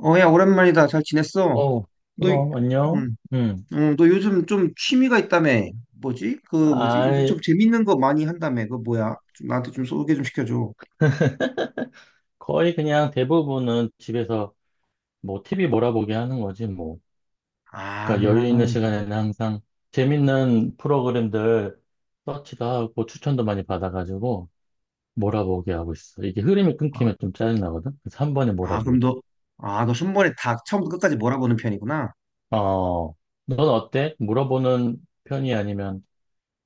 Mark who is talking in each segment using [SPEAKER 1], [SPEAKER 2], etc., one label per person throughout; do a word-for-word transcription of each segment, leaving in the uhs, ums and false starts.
[SPEAKER 1] 어, 야, 오랜만이다. 잘 지냈어?
[SPEAKER 2] 어,
[SPEAKER 1] 너, 음.
[SPEAKER 2] 그럼, 안녕.
[SPEAKER 1] 응,
[SPEAKER 2] 음.
[SPEAKER 1] 응, 너 요즘 좀 취미가 있다며. 뭐지? 그, 뭐지? 요즘
[SPEAKER 2] 아,
[SPEAKER 1] 좀 재밌는 거 많이 한다며. 그거 뭐야? 좀 나한테 좀 소개 좀 시켜줘.
[SPEAKER 2] 거의 그냥 대부분은 집에서 뭐 티비 몰아보기 하는 거지, 뭐.
[SPEAKER 1] 아,
[SPEAKER 2] 그러니까 여유 있는 시간에는 항상 재밌는 프로그램들 서치도 하고 추천도 많이 받아가지고 몰아보기 하고 있어. 이게 흐름이
[SPEAKER 1] 아,
[SPEAKER 2] 끊기면 좀 짜증나거든? 그래서 한 번에
[SPEAKER 1] 아, 그럼
[SPEAKER 2] 몰아보기.
[SPEAKER 1] 너, 아, 너 손번에 다 처음부터 끝까지 몰아보는 편이구나.
[SPEAKER 2] 어, 넌 어때? 물어보는 편이 아니면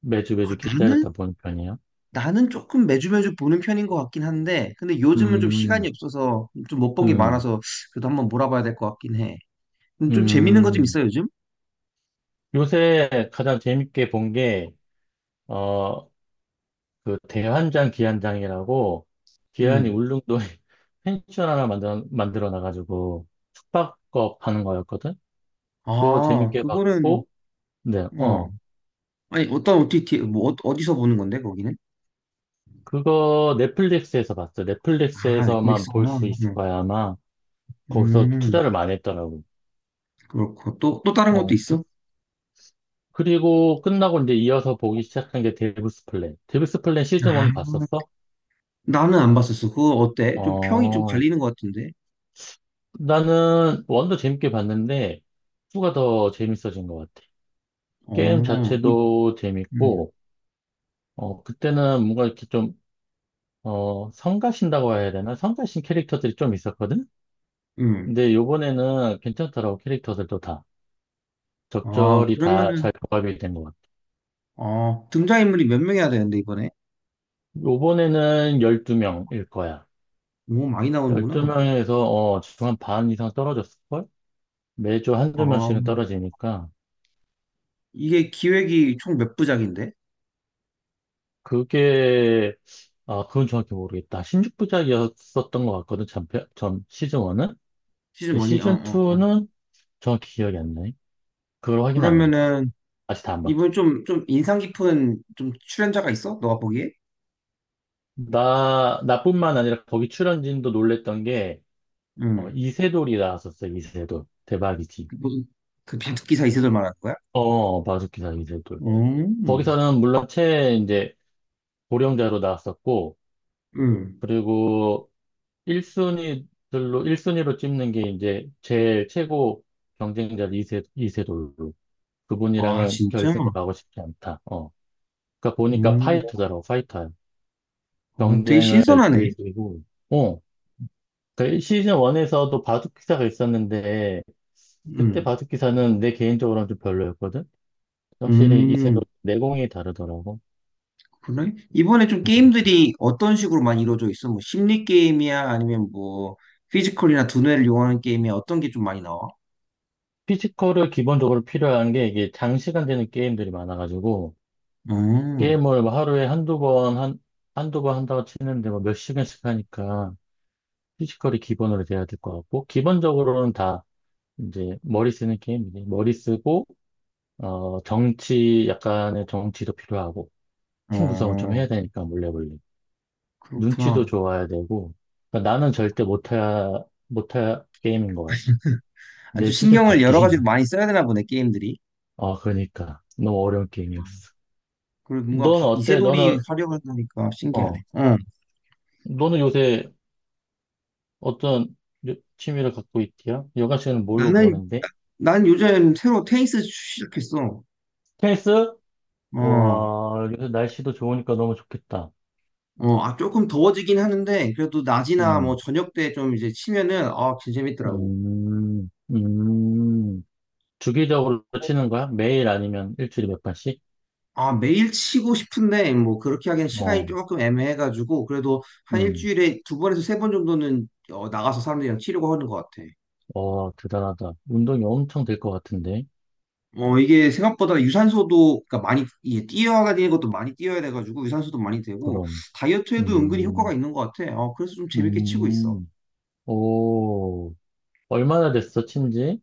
[SPEAKER 2] 매주
[SPEAKER 1] 아,
[SPEAKER 2] 매주
[SPEAKER 1] 나는?
[SPEAKER 2] 기다렸다 보는 편이야?
[SPEAKER 1] 나는 조금 매주 매주 보는 편인 것 같긴 한데, 근데 요즘은 좀 시간이
[SPEAKER 2] 음,
[SPEAKER 1] 없어서 좀 못 본 게
[SPEAKER 2] 음,
[SPEAKER 1] 많아서 그래도 한번 몰아봐야 될 것 같긴 해. 음, 좀 재밌는 거 좀
[SPEAKER 2] 음.
[SPEAKER 1] 있어, 요즘?
[SPEAKER 2] 요새 가장 재밌게 본게 어, 그 대환장 기안장이라고 기안이
[SPEAKER 1] 음.
[SPEAKER 2] 울릉도에 펜션 하나 만들어, 만들어 놔가지고 숙박업 하는 거였거든? 그거
[SPEAKER 1] 아,
[SPEAKER 2] 재밌게
[SPEAKER 1] 그거는,
[SPEAKER 2] 봤고, 네,
[SPEAKER 1] 어.
[SPEAKER 2] 어.
[SPEAKER 1] 아니, 어떤 오티티, 뭐, 어- 어디서 보는 건데, 거기는?
[SPEAKER 2] 그거 넷플릭스에서 봤어.
[SPEAKER 1] 아,
[SPEAKER 2] 넷플릭스에서만
[SPEAKER 1] 넷플릭스구나.
[SPEAKER 2] 볼 수 있을
[SPEAKER 1] 음,
[SPEAKER 2] 거야, 아마. 거기서
[SPEAKER 1] 음,
[SPEAKER 2] 투자를 많이 했더라고.
[SPEAKER 1] 그렇고. 또, 또 다른 것도
[SPEAKER 2] 어, 그-
[SPEAKER 1] 있어?
[SPEAKER 2] 그리고 끝나고 이제 이어서 보기 시작한 게 데빌스 플랜. 데빌스 플랜 시즌
[SPEAKER 1] 아,
[SPEAKER 2] 원 봤었어?
[SPEAKER 1] 나는 안 봤었어. 그거 어때? 좀 평이 좀
[SPEAKER 2] 어,
[SPEAKER 1] 갈리는 것 같은데?
[SPEAKER 2] 나는 원도 재밌게 봤는데, 투가 더 재밌어진 것 같아. 게임
[SPEAKER 1] 어, 이,
[SPEAKER 2] 자체도
[SPEAKER 1] 음,
[SPEAKER 2] 재밌고, 어, 그때는 뭔가 이렇게 좀, 어, 성가신다고 해야 되나? 성가신 캐릭터들이 좀 있었거든?
[SPEAKER 1] 음.
[SPEAKER 2] 근데 요번에는 괜찮더라고, 캐릭터들도 다.
[SPEAKER 1] 아,
[SPEAKER 2] 적절히 다
[SPEAKER 1] 그러면은,
[SPEAKER 2] 잘 조합이 된 것 같아.
[SPEAKER 1] 어, 등장인물이 몇 명이야 되는데, 이번에?
[SPEAKER 2] 요번에는 열두 명일 거야.
[SPEAKER 1] 오, 많이 나오는구나.
[SPEAKER 2] 열두 명에서, 어, 지금 한반 이상 떨어졌을걸? 매주 한
[SPEAKER 1] 아,
[SPEAKER 2] 두 명씩은 떨어지니까.
[SPEAKER 1] 이게 기획이 총 몇 부작인데?
[SPEAKER 2] 그게, 아, 그건 정확히 모르겠다. 십육 부작이었었던 것 같거든, 전, 편- 전 시즌 원은?
[SPEAKER 1] 시즌 원이 어,
[SPEAKER 2] 시즌
[SPEAKER 1] 어, 어.
[SPEAKER 2] 투는 정확히 기억이 안 나네. 그걸 확인 안 해봤어.
[SPEAKER 1] 그러면은,
[SPEAKER 2] 아직 다 안
[SPEAKER 1] 이번
[SPEAKER 2] 봤거든.
[SPEAKER 1] 좀, 좀 인상 깊은 좀 출연자가 있어? 너가 보기에?
[SPEAKER 2] 나, 나뿐만 아니라 거기 출연진도 놀랬던 게, 어,
[SPEAKER 1] 음.
[SPEAKER 2] 이세돌이 나왔었어, 이세돌. 대박이지.
[SPEAKER 1] 무슨 그 바둑 기사 이세돌 말하는 거야?
[SPEAKER 2] 어, 바둑기사 이세돌.
[SPEAKER 1] 음,
[SPEAKER 2] 거기서는 물론 최, 이제, 고령자로 나왔었고,
[SPEAKER 1] 음.
[SPEAKER 2] 그리고 일 순위들로, 일순위로 찝는 게 이제 제일 최고 경쟁자 이세, 이세돌로.
[SPEAKER 1] 아,
[SPEAKER 2] 그분이랑은
[SPEAKER 1] 진짜?
[SPEAKER 2] 결승을 가고 싶지 않다. 어. 그러니까 보니까
[SPEAKER 1] 음,
[SPEAKER 2] 파이터더라고, 파이터.
[SPEAKER 1] 아, 되게
[SPEAKER 2] 경쟁을
[SPEAKER 1] 신선하네.
[SPEAKER 2] 즐기고, 어, 그 시즌 원에서도 바둑 기사가 있었는데, 그때
[SPEAKER 1] 음,
[SPEAKER 2] 바둑 기사는 내 개인적으로는 좀 별로였거든? 확실히 이세돌
[SPEAKER 1] 음,
[SPEAKER 2] 내공이 다르더라고.
[SPEAKER 1] 그래? 이번에 좀 게임들이 어떤 식으로 많이 이루어져 있어? 뭐, 심리 게임이야? 아니면 뭐, 피지컬이나 두뇌를 이용하는 게임이야? 어떤 게 좀 많이 나와?
[SPEAKER 2] 피지컬을 기본적으로 필요한 게 이게 장시간 되는 게임들이 많아가지고,
[SPEAKER 1] 음,
[SPEAKER 2] 게임을 뭐 하루에 한두 번, 한, 한두 번 한다고 치는데 뭐 몇 시간씩 하니까 피지컬이 기본으로 돼야 될 것 같고, 기본적으로는 다 이제 머리 쓰는 게임이지. 머리 쓰고, 어, 정치, 약간의 정치도 필요하고, 팀 구성을 좀
[SPEAKER 1] 어,
[SPEAKER 2] 해야 되니까, 몰래몰래. 눈치도
[SPEAKER 1] 그렇구나.
[SPEAKER 2] 좋아야 되고, 그러니까 나는 절대 못할, 못할 게임인 것 같아. 내
[SPEAKER 1] 아주
[SPEAKER 2] 수준
[SPEAKER 1] 신경을
[SPEAKER 2] 밖에.
[SPEAKER 1] 여러 가지로 많이 써야 되나 보네, 게임들이.
[SPEAKER 2] 아, 그러니까. 너무 어려운 게임이었어.
[SPEAKER 1] 그리고 뭔가
[SPEAKER 2] 넌
[SPEAKER 1] 바-
[SPEAKER 2] 어때?
[SPEAKER 1] 이세돌이
[SPEAKER 2] 너는,
[SPEAKER 1] 활용하니까 신기하네.
[SPEAKER 2] 어,
[SPEAKER 1] 어,
[SPEAKER 2] 너는 요새 어떤 요- 취미를 갖고 있디야? 여가 시간은 뭘로
[SPEAKER 1] 나는,
[SPEAKER 2] 보내는데?
[SPEAKER 1] 나- 난 요즘 새로 테니스 시작했어.
[SPEAKER 2] 테니스?
[SPEAKER 1] 어,
[SPEAKER 2] 와, 요새 날씨도 좋으니까 너무 좋겠다.
[SPEAKER 1] 어, 아, 조금 더워지긴 하는데, 그래도 낮이나 뭐
[SPEAKER 2] 음,
[SPEAKER 1] 저녁 때 좀 이제 치면은, 아, 진짜 재밌더라고.
[SPEAKER 2] 음, 음. 주기적으로 치는 거야? 매일 아니면 일주일에 몇 번씩?
[SPEAKER 1] 아, 매일 치고 싶은데, 뭐 그렇게 하기엔 시간이
[SPEAKER 2] 어,
[SPEAKER 1] 조금 애매해가지고, 그래도 한
[SPEAKER 2] 음.
[SPEAKER 1] 일주일에 두 번에서 세 번 정도는 어, 나가서 사람들이랑 치려고 하는 것 같아.
[SPEAKER 2] 와, 대단하다. 운동이 엄청 될 것 같은데?
[SPEAKER 1] 어, 이게 생각보다 유산소도, 그러니까 많이, 이게 뛰어야 되는 것도 많이 뛰어야 돼가지고, 유산소도 많이 되고,
[SPEAKER 2] 그럼,
[SPEAKER 1] 다이어트에도 은근히 효과가
[SPEAKER 2] 음,
[SPEAKER 1] 있는 것 같아. 어, 그래서 좀 재밌게 치고 있어.
[SPEAKER 2] 음, 오, 얼마나 됐어, 친지?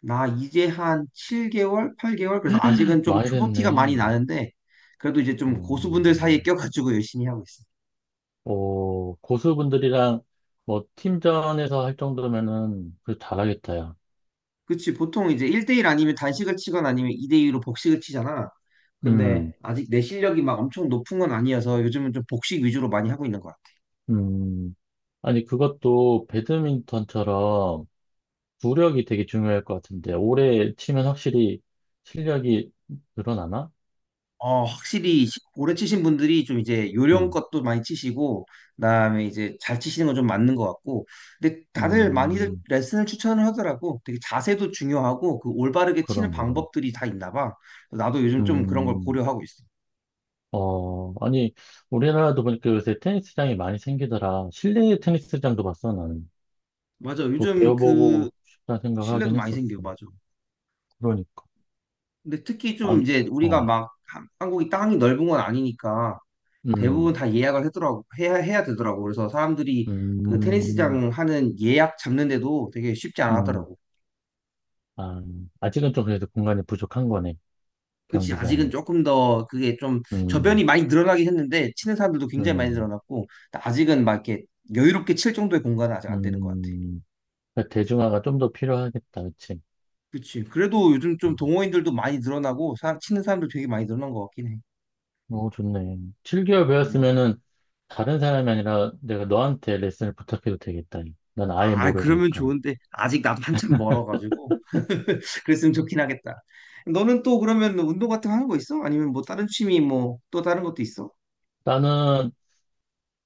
[SPEAKER 1] 나 이제 한 칠 개월, 팔 개월? 그래서 아직은 좀
[SPEAKER 2] 많이
[SPEAKER 1] 초보티가 많이
[SPEAKER 2] 됐네.
[SPEAKER 1] 나는데, 그래도 이제 좀 고수분들 사이에
[SPEAKER 2] 음,
[SPEAKER 1] 껴가지고 열심히 하고 있어.
[SPEAKER 2] 오, 고수분들이랑 뭐 팀전에서 할 정도면은 그 잘하겠다, 야.
[SPEAKER 1] 그치, 보통 이제 일 대일 아니면 단식을 치거나 아니면 이 대이로 복식을 치잖아.
[SPEAKER 2] 음,
[SPEAKER 1] 근데 아직 내 실력이 막 엄청 높은 건 아니어서 요즘은 좀 복식 위주로 많이 하고 있는 거야.
[SPEAKER 2] 음. 아니, 그것도 배드민턴처럼 구력이 되게 중요할 것 같은데, 오래 치면 확실히 실력이 늘어나나?
[SPEAKER 1] 어, 확실히 시- 오래 치신 분들이 좀 이제
[SPEAKER 2] 음,
[SPEAKER 1] 요령껏 도 많이 치시고, 그다음에 이제 잘 치시는 건 좀 맞는 것 같고, 근데 다들 많이들
[SPEAKER 2] 음,
[SPEAKER 1] 레슨을 추천을 하더라고. 되게 자세도 중요하고, 그 올바르게 치는
[SPEAKER 2] 그런, 그런.
[SPEAKER 1] 방법들이 다 있나 봐. 그래서 나도 요즘 좀 그런 걸
[SPEAKER 2] 음,
[SPEAKER 1] 고려하고 있어.
[SPEAKER 2] 어, 아니, 우리나라도 보니까 요새 테니스장이 많이 생기더라. 실내 테니스장도 봤어, 나는.
[SPEAKER 1] 맞아.
[SPEAKER 2] 뭐
[SPEAKER 1] 요즘 그
[SPEAKER 2] 배워보고 싶다
[SPEAKER 1] 실내도
[SPEAKER 2] 생각하긴
[SPEAKER 1] 많이 생겨.
[SPEAKER 2] 했었어.
[SPEAKER 1] 맞아.
[SPEAKER 2] 그러니까.
[SPEAKER 1] 근데 특히
[SPEAKER 2] 아,
[SPEAKER 1] 좀 이제 우리가
[SPEAKER 2] 어,
[SPEAKER 1] 막 한- 한국이 땅이 넓은 건 아니니까 대부분
[SPEAKER 2] 음,
[SPEAKER 1] 다 예약을 하더라고. 해야, 해야 되더라고. 그래서 사람들이 그
[SPEAKER 2] 음,
[SPEAKER 1] 테니스장 하는 예약 잡는데도 되게 쉽지 않아
[SPEAKER 2] 음.
[SPEAKER 1] 하더라고.
[SPEAKER 2] 아, 아직은 좀 그래도 공간이 부족한 거네,
[SPEAKER 1] 그치, 아직은
[SPEAKER 2] 경기장이.
[SPEAKER 1] 조금 더 그게 좀 저변이
[SPEAKER 2] 음,
[SPEAKER 1] 많이 늘어나긴 했는데, 치는 사람들도 굉장히 많이
[SPEAKER 2] 음,
[SPEAKER 1] 늘어났고, 아직은 막 이렇게 여유롭게 칠 정도의 공간은 아직 안 되는 것 같아.
[SPEAKER 2] 음. 그러니까 대중화가 좀 더 필요하겠다, 그치?
[SPEAKER 1] 그치. 그래도 요즘 좀 동호인들도 많이 늘어나고, 사- 치는 사람도 되게 많이 늘어난 것 같긴 해.
[SPEAKER 2] 어, 좋네. 칠 개월
[SPEAKER 1] 음.
[SPEAKER 2] 배웠으면은 다른 사람이 아니라 내가 너한테 레슨을 부탁해도 되겠다. 난 아예
[SPEAKER 1] 아, 그러면
[SPEAKER 2] 모르니까.
[SPEAKER 1] 좋은데, 아직 나도 한참 멀어가지고, 그랬으면 좋긴 하겠다. 너는 또 그러면 운동 같은 거 하는 거 있어? 아니면 뭐 다른 취미 뭐 또 다른 것도 있어?
[SPEAKER 2] 나는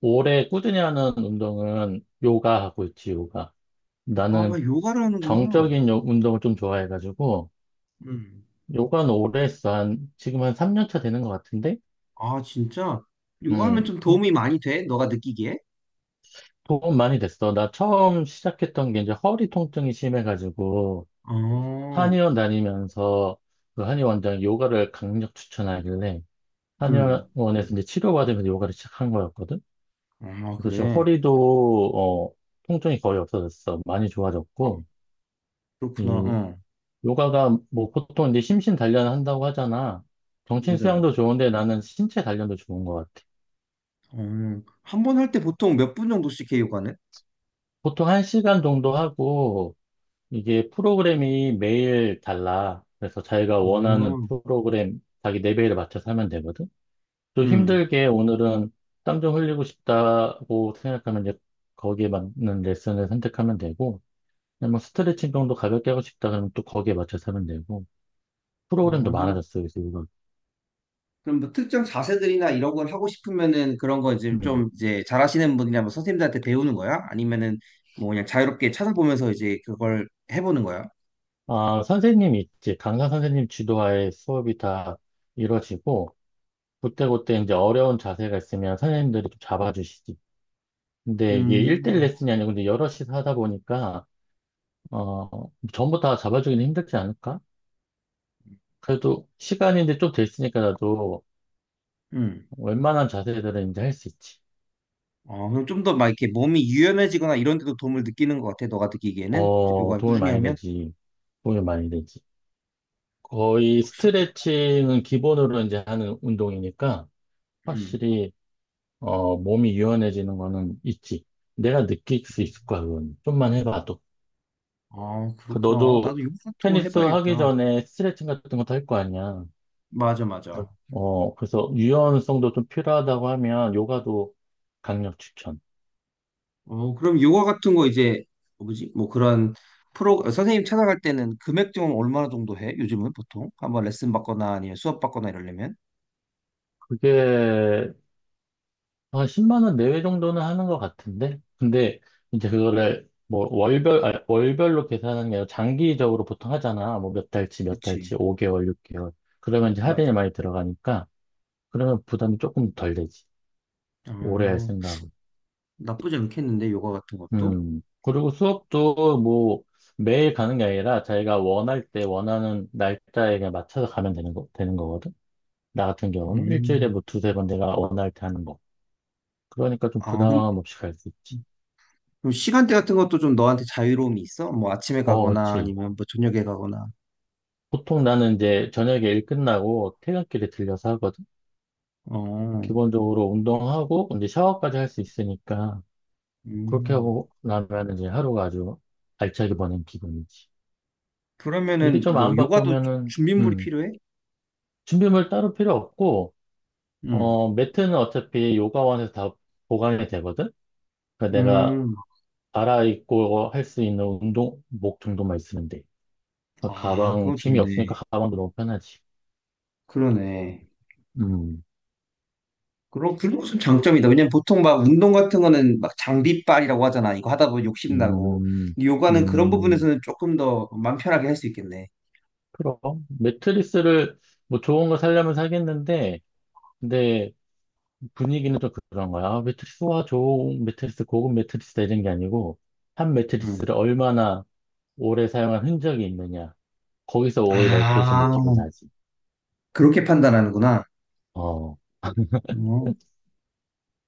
[SPEAKER 2] 오래 꾸준히 하는 운동은 요가 하고 있지, 요가. 나는
[SPEAKER 1] 아, 요가를 하는구나.
[SPEAKER 2] 정적인 요- 운동을 좀 좋아해가지고,
[SPEAKER 1] 음.
[SPEAKER 2] 요가는 오래 했어. 한, 지금 한 삼 년 차 되는 것 같은데?
[SPEAKER 1] 아, 진짜? 요가
[SPEAKER 2] 음,
[SPEAKER 1] 하면 좀
[SPEAKER 2] 좀
[SPEAKER 1] 도움이 많이 돼? 너가 느끼기에?
[SPEAKER 2] 도움 많이 됐어. 나 처음 시작했던 게 이제 허리 통증이 심해가지고,
[SPEAKER 1] 어,
[SPEAKER 2] 한의원 다니면서 그 한의원장이 요가를 강력 추천하길래,
[SPEAKER 1] 응.
[SPEAKER 2] 한의원에서 이제 치료받으면서 요가를 시작한 거였거든.
[SPEAKER 1] 아,
[SPEAKER 2] 그래서 지금
[SPEAKER 1] 그래.
[SPEAKER 2] 허리도 어, 통증이 거의 없어졌어. 많이
[SPEAKER 1] 아,
[SPEAKER 2] 좋아졌고
[SPEAKER 1] 그렇구나.
[SPEAKER 2] 이
[SPEAKER 1] 어,
[SPEAKER 2] 요가가 뭐 보통 이제 심신 단련 한다고 하잖아. 정신
[SPEAKER 1] 맞아.
[SPEAKER 2] 수양도 좋은데 나는 신체 단련도 좋은 것 같아.
[SPEAKER 1] 어, 한 번 할 때 보통 몇 분 정도씩 해, 요가는?
[SPEAKER 2] 보통 한 시간 정도 하고 이게 프로그램이 매일 달라. 그래서 자기가 원하는
[SPEAKER 1] 어,
[SPEAKER 2] 프로그램 자기 레벨에 맞춰서 하면 되거든. 좀
[SPEAKER 1] 응.
[SPEAKER 2] 힘들게 오늘은 땀 좀 흘리고 싶다고 생각하면 이제 거기에 맞는 레슨을 선택하면 되고, 그냥 뭐 스트레칭 정도 가볍게 하고 싶다 그러면 또 거기에 맞춰서 하면 되고, 프로그램도
[SPEAKER 1] 어, 그럼,
[SPEAKER 2] 많아졌어요. 그래서 이거,
[SPEAKER 1] 그럼 뭐 특정 자세들이나 이런 걸 하고 싶으면은 그런 거 이제
[SPEAKER 2] 음.
[SPEAKER 1] 좀 이제 잘하시는 분이나 뭐 선생님들한테 배우는 거야? 아니면은 뭐 그냥 자유롭게 찾아보면서 이제 그걸 해보는 거야?
[SPEAKER 2] 아, 선생님 있지. 강사 선생님 지도하에 수업이 다 이루어지고, 그때그때 이제 어려운 자세가 있으면 선생님들이 좀 잡아주시지. 근데 이게 일 대일
[SPEAKER 1] 음,
[SPEAKER 2] 레슨이 아니고 이제 여럿이 하다 보니까, 어, 전부 다 잡아주기는 힘들지 않을까? 그래도 시간이 이제 좀 됐으니까 나도
[SPEAKER 1] 음.
[SPEAKER 2] 웬만한 자세들은 이제 할 수 있지.
[SPEAKER 1] 어, 그럼 좀 더 막 이렇게 몸이 유연해지거나 이런 데도 도움을 느끼는 것 같아, 너가 느끼기에는?
[SPEAKER 2] 어,
[SPEAKER 1] 요가
[SPEAKER 2] 도움이
[SPEAKER 1] 꾸준히
[SPEAKER 2] 많이
[SPEAKER 1] 하면?
[SPEAKER 2] 되지. 도움이 많이 되지. 거의
[SPEAKER 1] 확실히.
[SPEAKER 2] 스트레칭은 기본으로 이제 하는 운동이니까
[SPEAKER 1] 응.
[SPEAKER 2] 확실히 어, 몸이 유연해지는 거는 있지. 내가 느낄 수 있을 거야, 그건. 좀만 해봐도.
[SPEAKER 1] 아,
[SPEAKER 2] 그
[SPEAKER 1] 그렇구나.
[SPEAKER 2] 너도
[SPEAKER 1] 나도 요가 같은 거
[SPEAKER 2] 테니스 하기
[SPEAKER 1] 해봐야겠다.
[SPEAKER 2] 전에 스트레칭 같은 것도 할 거 아니야.
[SPEAKER 1] 맞아, 맞아.
[SPEAKER 2] 어, 그래서 유연성도 좀 필요하다고 하면 요가도 강력 추천.
[SPEAKER 1] 어, 그럼 요가 같은 거 이제, 뭐지? 뭐 그런 프로, 선생님 찾아갈 때는 금액 좀 얼마나 정도 해? 요즘은 보통? 한번 레슨 받거나 아니면 수업 받거나 이러려면?
[SPEAKER 2] 그게 한 십만 원 내외 정도는 하는 것 같은데? 근데 이제 그거를 뭐 월별, 아, 월별로 계산하는 게 아니라 장기적으로 보통 하잖아. 뭐 몇 달치, 몇
[SPEAKER 1] 그치.
[SPEAKER 2] 달치, 오 개월, 육 개월. 그러면 이제
[SPEAKER 1] 맞아.
[SPEAKER 2] 할인이 많이 들어가니까 그러면 부담이 조금 덜 되지.
[SPEAKER 1] 아,
[SPEAKER 2] 오래 할 생각은.
[SPEAKER 1] 나쁘지 않겠는데, 요가 같은 것도?
[SPEAKER 2] 음. 그리고 수업도 뭐 매일 가는 게 아니라 자기가 원할 때 원하는 날짜에 그냥 맞춰서 가면 되는 거, 되는 거거든. 나 같은 경우는 일주일에
[SPEAKER 1] 음.
[SPEAKER 2] 뭐 두세 번 내가 원할 때 하는 거. 그러니까 좀
[SPEAKER 1] 아,
[SPEAKER 2] 부담
[SPEAKER 1] 그럼,
[SPEAKER 2] 없이 갈 수 있지.
[SPEAKER 1] 그럼 시간대 같은 것도 좀 너한테 자유로움이 있어? 뭐 아침에
[SPEAKER 2] 어,
[SPEAKER 1] 가거나
[SPEAKER 2] 그렇지.
[SPEAKER 1] 아니면 뭐 저녁에 가거나.
[SPEAKER 2] 보통 나는 이제 저녁에 일 끝나고 퇴근길에 들려서 하거든.
[SPEAKER 1] 어,
[SPEAKER 2] 기본적으로 운동하고 이제 샤워까지 할 수 있으니까 그렇게
[SPEAKER 1] 음.
[SPEAKER 2] 하고 나면 이제 하루가 아주 알차게 보낸 기분이지. 일이
[SPEAKER 1] 그러면은
[SPEAKER 2] 좀
[SPEAKER 1] 뭐
[SPEAKER 2] 안
[SPEAKER 1] 요가도
[SPEAKER 2] 바쁘면은
[SPEAKER 1] 준비물이
[SPEAKER 2] 음,
[SPEAKER 1] 필요해?
[SPEAKER 2] 준비물 따로 필요 없고
[SPEAKER 1] 음.
[SPEAKER 2] 어 매트는 어차피 요가원에서 다 보관이 되거든. 그러니까 내가
[SPEAKER 1] 음,
[SPEAKER 2] 갈아입고 할 수 있는 운동복 정도만 있으면 돼.
[SPEAKER 1] 아,
[SPEAKER 2] 가방
[SPEAKER 1] 그거
[SPEAKER 2] 짐이 없으니까
[SPEAKER 1] 좋네.
[SPEAKER 2] 가방도 너무 편하지.
[SPEAKER 1] 그러네.
[SPEAKER 2] 음,
[SPEAKER 1] 그럼 그런 것은 장점이다. 왜냐면 보통 막 운동 같은 거는 막 장비빨이라고 하잖아. 이거 하다 보면 욕심나고.
[SPEAKER 2] 음,
[SPEAKER 1] 근데 요가는 그런
[SPEAKER 2] 음.
[SPEAKER 1] 부분에서는 조금 더 마음 편하게 할 수 있겠네.
[SPEAKER 2] 그럼 매트리스를 뭐 좋은 거 사려면 사겠는데 근데 분위기는 좀 그런 거야. 아, 매트리스 와 좋은 매트리스 고급 매트리스다 이런 게 아니고 한
[SPEAKER 1] 음.
[SPEAKER 2] 매트리스를 얼마나 오래 사용한 흔적이 있느냐. 거기서 오히려 고수
[SPEAKER 1] 아,
[SPEAKER 2] 느낌이 나지.
[SPEAKER 1] 그렇게 판단하는구나.
[SPEAKER 2] 어
[SPEAKER 1] 어,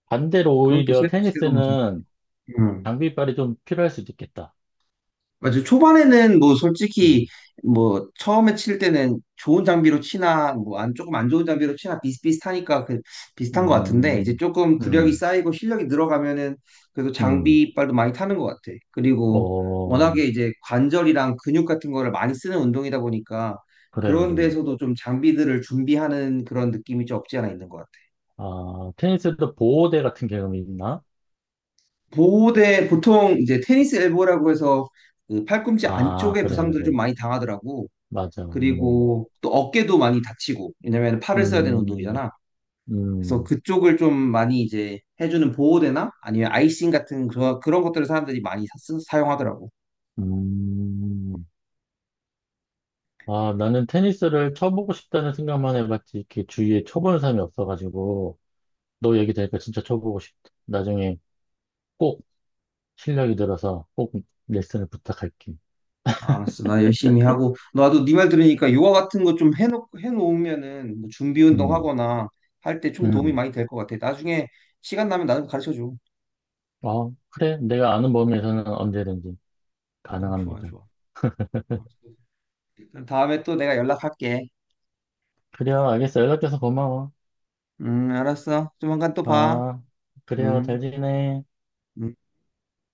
[SPEAKER 2] 반대로
[SPEAKER 1] 그건 또
[SPEAKER 2] 오히려
[SPEAKER 1] 새로, 새로운 점.
[SPEAKER 2] 테니스는
[SPEAKER 1] 응.
[SPEAKER 2] 장비빨이 좀 필요할 수도 있겠다.
[SPEAKER 1] 맞아요. 초반에는 뭐 솔직히
[SPEAKER 2] 음,
[SPEAKER 1] 뭐 처음에 칠 때는 좋은 장비로 치나 뭐 안 조금 안 좋은 장비로 치나 비슷비슷하니까 그 비슷한 것 같은데 이제
[SPEAKER 2] 음,
[SPEAKER 1] 조금 구력이
[SPEAKER 2] 음,
[SPEAKER 1] 쌓이고 실력이 늘어가면은 그래도
[SPEAKER 2] 음.
[SPEAKER 1] 장비빨도 많이 타는 것 같아. 그리고
[SPEAKER 2] 어
[SPEAKER 1] 워낙에 이제 관절이랑 근육 같은 거를 많이 쓰는 운동이다 보니까
[SPEAKER 2] 그래
[SPEAKER 1] 그런
[SPEAKER 2] 그래.
[SPEAKER 1] 데서도 좀 장비들을 준비하는 그런 느낌이 좀 없지 않아 있는 것 같아.
[SPEAKER 2] 아 테니스도 보호대 같은 개념이 있나?
[SPEAKER 1] 보호대 보통 이제 테니스 엘보라고 해서 그 팔꿈치
[SPEAKER 2] 아
[SPEAKER 1] 안쪽에
[SPEAKER 2] 그래
[SPEAKER 1] 부상들을
[SPEAKER 2] 그래.
[SPEAKER 1] 좀 많이 당하더라고.
[SPEAKER 2] 맞아. 음,
[SPEAKER 1] 그리고 또 어깨도 많이 다치고, 왜냐면 팔을 써야 되는
[SPEAKER 2] 음,
[SPEAKER 1] 운동이잖아. 그래서
[SPEAKER 2] 음,
[SPEAKER 1] 그쪽을 좀 많이 이제 해주는 보호대나 아니면 아이싱 같은 그, 그런 것들을 사람들이 많이 사, 사용하더라고.
[SPEAKER 2] 음. 아, 나는 테니스를 쳐보고 싶다는 생각만 해봤지. 이렇게 주위에 쳐보는 사람이 없어가지고, 너 얘기 들으니까 진짜 쳐보고 싶다. 나중에 꼭 실력이 들어서 꼭 레슨을 부탁할게.
[SPEAKER 1] 아, 알았어. 나 열심히 하고. 나도 네 말 들으니까 요가 같은 거 좀 해놓, 해놓으면은 뭐 준비 운동
[SPEAKER 2] 음,
[SPEAKER 1] 하거나 할 때 좀 도움이
[SPEAKER 2] 음.
[SPEAKER 1] 많이 될 것 같아. 나중에 시간 나면 나도 가르쳐줘.
[SPEAKER 2] 어, 그래. 내가 아는 범위에서는 언제든지
[SPEAKER 1] 음, 좋아,
[SPEAKER 2] 가능합니다.
[SPEAKER 1] 좋아. 알았어. 그럼 다음에 또 내가 연락할게.
[SPEAKER 2] 그래요. 알겠어. 연락줘서 고마워.
[SPEAKER 1] 음, 알았어. 조만간 또 봐.
[SPEAKER 2] 아, 그래요.
[SPEAKER 1] 음.
[SPEAKER 2] 잘 지내.
[SPEAKER 1] 음.